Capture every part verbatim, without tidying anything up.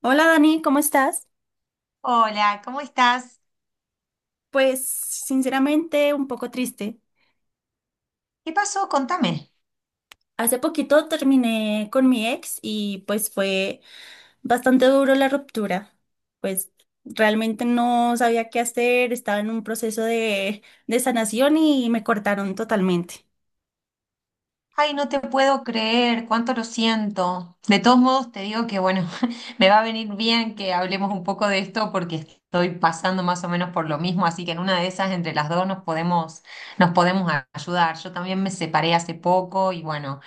Hola Dani, ¿cómo estás? Hola, ¿cómo estás? Pues sinceramente un poco triste. ¿Qué pasó? Contame. Hace poquito terminé con mi ex y pues fue bastante duro la ruptura. Pues realmente no sabía qué hacer, estaba en un proceso de, de sanación y me cortaron totalmente. Ay, no te puedo creer, cuánto lo siento. De todos modos, te digo que, bueno, me va a venir bien que hablemos un poco de esto porque estoy pasando más o menos por lo mismo, así que en una de esas, entre las dos, nos podemos, nos podemos a- ayudar. Yo también me separé hace poco y, bueno,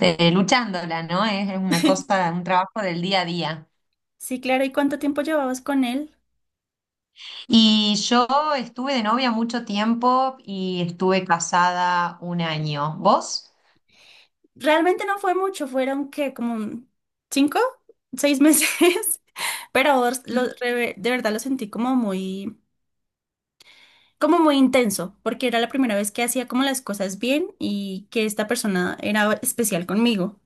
eh, luchándola, ¿no? Es es una cosa, un trabajo del día a día. Sí, claro, ¿y cuánto tiempo llevabas con él? Y yo estuve de novia mucho tiempo y estuve casada un año. ¿Vos? Realmente no fue mucho, fueron que como cinco, seis meses, pero lo- re- de verdad lo sentí como muy, como muy intenso, porque era la primera vez que hacía como las cosas bien y que esta persona era especial conmigo.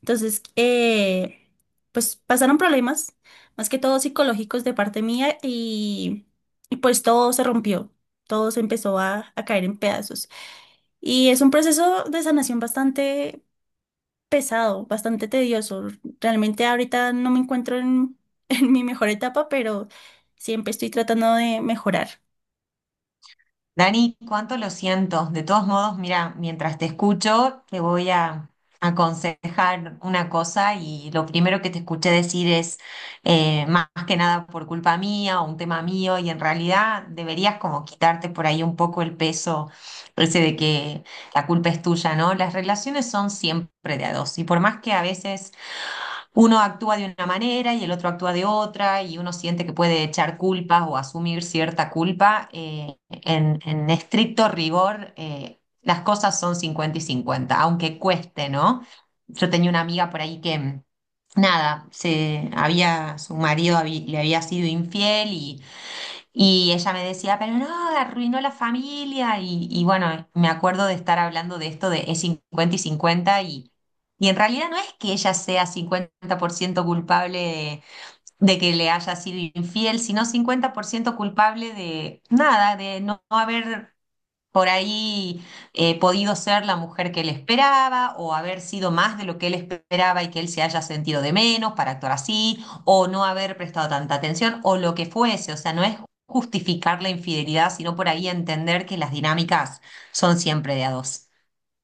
Entonces, eh, pues pasaron problemas, más que todo psicológicos de parte mía y, y pues todo se rompió, todo se empezó a, a caer en pedazos. Y es un proceso de sanación bastante pesado, bastante tedioso. Realmente ahorita no me encuentro en, en mi mejor etapa, pero siempre estoy tratando de mejorar. Dani, cuánto lo siento. De todos modos, mira, mientras te escucho, te voy a aconsejar una cosa y lo primero que te escuché decir es eh, más que nada por culpa mía o un tema mío y en realidad deberías como quitarte por ahí un poco el peso ese de que la culpa es tuya, ¿no? Las relaciones son siempre de a dos y por más que a veces uno actúa de una manera y el otro actúa de otra y uno siente que puede echar culpas o asumir cierta culpa. eh, en, en estricto rigor, eh, las cosas son cincuenta y cincuenta, aunque cueste, ¿no? Yo tenía una amiga por ahí que, nada, se había, su marido habí- le había sido infiel y y ella me decía, pero no, arruinó la familia. Y, y bueno, me acuerdo de estar hablando de esto de es cincuenta y cincuenta y, y en realidad no es que ella sea cincuenta por ciento culpable de, de que le haya sido infiel, sino cincuenta por ciento culpable de nada, de no, no haber por ahí eh, podido ser la mujer que él esperaba o haber sido más de lo que él esperaba y que él se haya sentido de menos para actuar así o no haber prestado tanta atención o lo que fuese. O sea, no es justificar la infidelidad, sino por ahí entender que las dinámicas son siempre de a dos.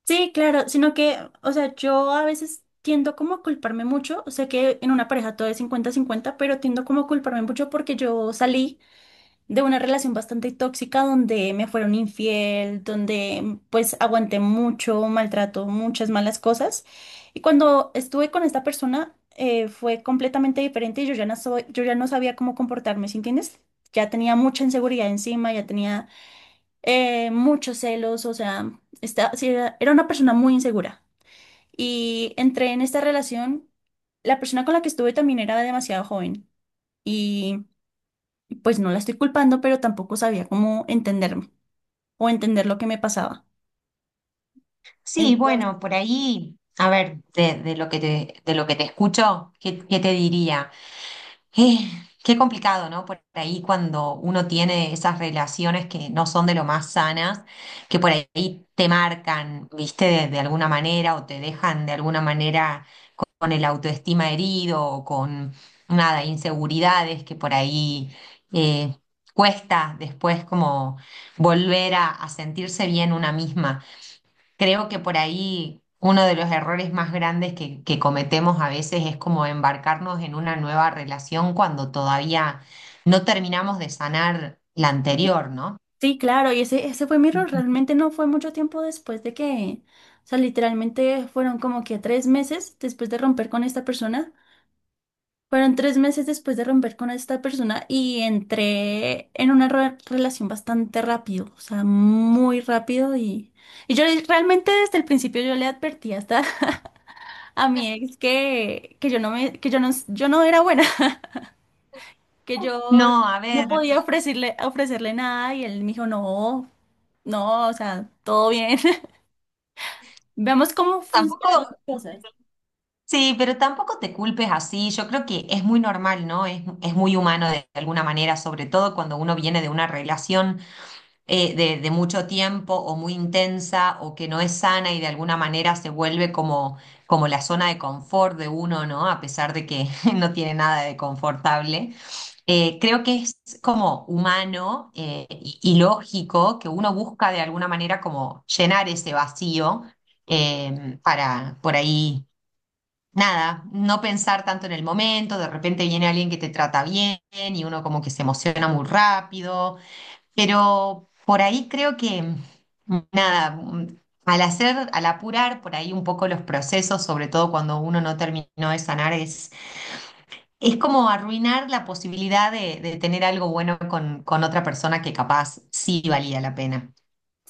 Sí, claro, sino que, o sea, yo a veces tiendo como a culparme mucho, sé que en una pareja todo es cincuenta-cincuenta, pero tiendo como a culparme mucho porque yo salí de una relación bastante tóxica donde me fueron infiel, donde pues aguanté mucho maltrato, muchas malas cosas. Y cuando estuve con esta persona eh, fue completamente diferente y yo ya no soy, yo ya no sabía cómo comportarme, ¿sí entiendes? Ya tenía mucha inseguridad encima, ya tenía eh, muchos celos, o sea, esta- sí, era, era una persona muy insegura. Y entré en esta relación, la persona con la que estuve también era demasiado joven y pues no la estoy culpando, pero tampoco sabía cómo entenderme o entender lo que me pasaba. Sí, Entonces, bueno, por ahí, a ver, de, de lo que te, de lo que te escucho, ¿qué, qué te diría? Eh, qué complicado, ¿no? Por ahí cuando uno tiene esas relaciones que no son de lo más sanas, que por ahí te marcan, ¿viste? De, de alguna manera o te dejan de alguna manera con el autoestima herido o con, nada, inseguridades que por ahí eh, cuesta después como volver a, a sentirse bien una misma. Creo que por ahí uno de los errores más grandes que, que cometemos a veces es como embarcarnos en una nueva relación cuando todavía no terminamos de sanar la y- anterior, ¿no? sí, claro, y ese, ese fue mi error, realmente no fue mucho tiempo después de que, o sea, literalmente fueron como que tres meses después de romper con esta persona. Fueron tres meses después de romper con esta persona Y entré en una re- relación bastante rápido, o sea, muy rápido y, y yo le- realmente desde el principio yo le advertí hasta a mi ex que, que yo no me, que yo no, yo no era buena, que yo No, a no ver, podía ofrecerle, ofrecerle nada y él me dijo, no, no, o sea, todo bien. Veamos cómo tampoco, funcionan las cosas. sí, pero tampoco te culpes así. Yo creo que es muy normal, ¿no? Es, es muy humano de alguna manera, sobre todo cuando uno viene de una relación. eh, de, de mucho tiempo o muy intensa o que no es sana y de alguna manera se vuelve como, como la zona de confort de uno, ¿no? A pesar de que no tiene nada de confortable. Eh, creo que es como humano, eh, y, y lógico que uno busca de alguna manera como llenar ese vacío, eh, para por ahí nada, no pensar tanto en el momento, de repente viene alguien que te trata bien y uno como que se emociona muy rápido, pero por ahí creo que, nada, al hacer, al apurar por ahí un poco los procesos, sobre todo cuando uno no terminó de sanar, es, es como arruinar la posibilidad de, de tener algo bueno con, con otra persona que capaz sí valía la pena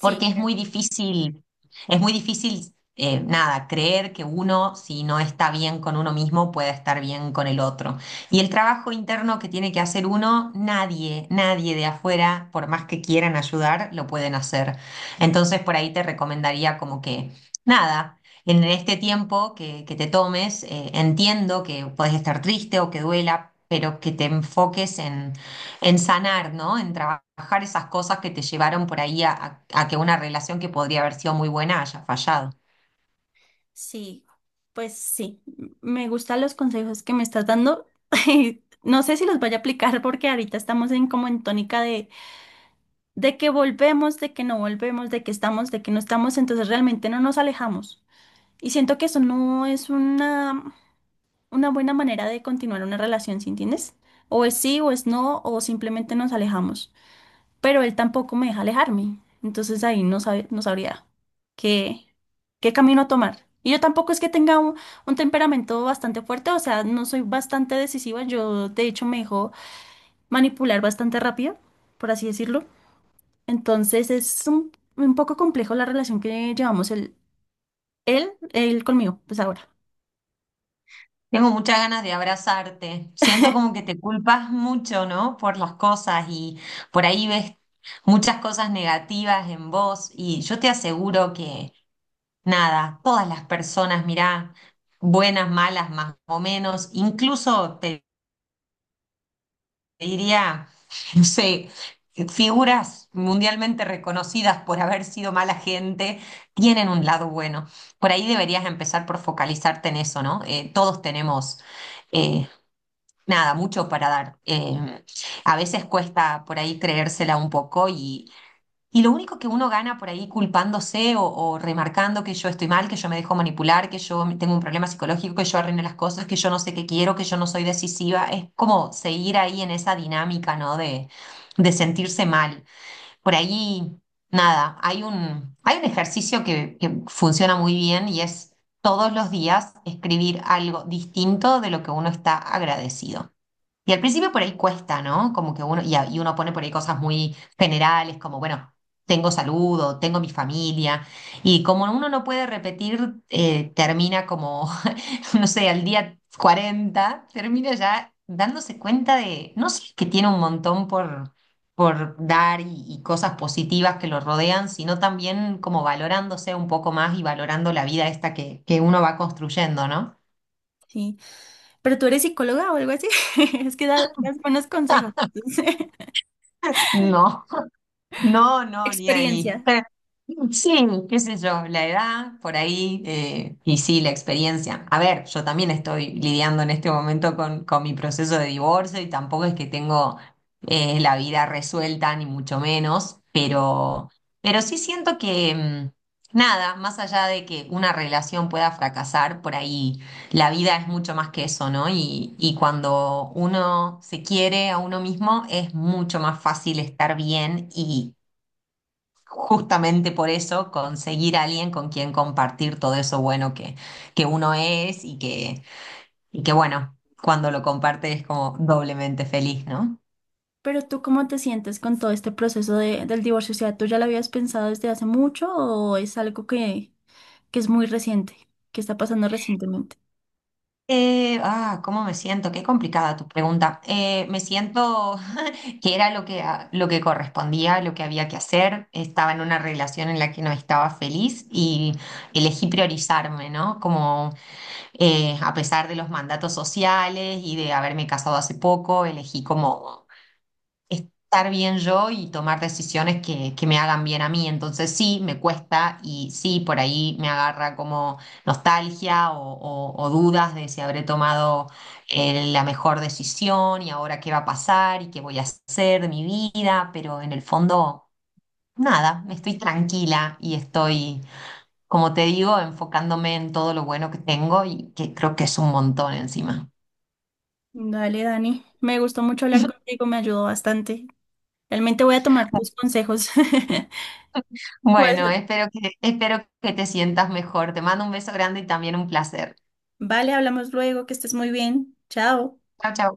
porque es claro. muy difícil, es muy difícil, eh, nada, creer que uno, si no está bien con uno mismo, puede estar bien con el otro. Y el trabajo interno que tiene que hacer uno, nadie, nadie de afuera, por más que quieran ayudar, lo pueden hacer. Entonces, por ahí te recomendaría como que, nada. En este tiempo que, que te tomes, eh, entiendo que puedes estar triste o que duela, pero que te enfoques en sanar, ¿no? En trabajar esas cosas que te llevaron por ahí a, a- a que una relación que podría haber sido muy buena haya fallado. Sí, pues sí, m- me gustan los consejos que me estás dando. No sé si los vaya a aplicar porque ahorita estamos en como en tónica de, de que volvemos, de que no volvemos, de que estamos, de que no estamos, entonces realmente no nos alejamos. Y siento que eso no es una, una buena manera de continuar una relación, ¿sí entiendes? O es sí, o es no, o simplemente nos alejamos, pero él tampoco me deja alejarme. Entonces ahí no sabe, no sabría qué, qué camino tomar. Y yo tampoco es que tenga un, un temperamento bastante fuerte, o sea, no soy bastante decisiva. Yo, de hecho, me dejo manipular bastante rápido, por así decirlo. Entonces es un, un poco complejo la relación que llevamos él, él, él conmigo, pues ahora. Tengo muchas ganas de abrazarte. Siento como que te culpas mucho, ¿no? Por las cosas y por ahí ves muchas cosas negativas en vos y yo te aseguro que nada, todas las personas, mirá, buenas, malas, más o menos, incluso te diría, no sé, figuras mundialmente reconocidas por haber sido mala gente, tienen un lado bueno. Por ahí deberías empezar por focalizarte en eso, ¿no? Eh, todos tenemos, eh, nada, mucho para dar. Eh, a veces cuesta por ahí creérsela un poco y y lo único que uno gana por ahí culpándose o, o remarcando que yo estoy mal, que yo me dejo manipular, que yo tengo un problema psicológico, que yo arruino las cosas, que yo no sé qué quiero, que yo no soy decisiva, es como seguir ahí en esa dinámica, ¿no? De, de sentirse mal. Por ahí, nada, hay un, hay un ejercicio que, que funciona muy bien y es todos los días escribir algo distinto de lo que uno está agradecido. Y al principio por ahí cuesta, ¿no? Como que uno, y, a- y uno pone por ahí cosas muy generales, como, bueno, tengo salud o tengo mi familia. Y como uno no puede repetir, eh, termina como, no sé, al día cuarenta termina ya dándose cuenta de, no sé, que tiene un montón por, por dar y, y cosas positivas que lo rodean, sino también como valorándose un poco más y valorando la vida esta que, que uno va construyendo, ¿no? Sí. Pero tú eres psicóloga o algo así. Es que da- das buenos consejos. No. No, no, ni ahí. Experiencia. Pero, Sí, qué sé yo, la edad por ahí eh, y sí, la experiencia. A ver, yo también estoy lidiando en este momento con, con mi proceso de divorcio y tampoco es que tengo eh, la vida resuelta, ni mucho menos, pero, pero, sí siento que mm, nada, más allá de que una relación pueda fracasar, por ahí la vida es mucho más que eso, ¿no? Y, y cuando uno se quiere a uno mismo es mucho más fácil estar bien y justamente por eso conseguir a alguien con quien compartir todo eso bueno que, que uno es y que, y que bueno, cuando lo comparte es como doblemente feliz, ¿no? Pero tú, ¿cómo te sientes con todo este proceso de- del divorcio? O sea, ¿tú ya lo habías pensado desde hace mucho o es algo que, que es muy reciente, que está pasando recientemente? Eh, ah, ¿cómo me siento? Qué complicada tu pregunta. Eh, me siento que era lo que, a- lo que correspondía, lo que había que hacer. Estaba en una relación en la que no estaba feliz y elegí priorizarme, ¿no? Como eh, a pesar de los mandatos sociales y de haberme casado hace poco, elegí como estar bien yo y tomar decisiones que, que me hagan bien a mí. Entonces sí, me cuesta y sí, por ahí me agarra como nostalgia o, o- o dudas de si habré tomado eh, la mejor decisión y ahora qué va a pasar y qué voy a hacer de mi vida, pero en el fondo, nada, estoy tranquila y estoy, como te digo, enfocándome en todo lo bueno que tengo y que creo que es un montón encima. Dale, Dani. Me gustó mucho hablar contigo, me ayudó bastante. Realmente voy a tomar tus consejos. Pues, Bueno, espero que, espero que te sientas mejor. Te mando un beso grande y también un placer. vale, hablamos luego, que estés muy bien. Chao. Chao, chao.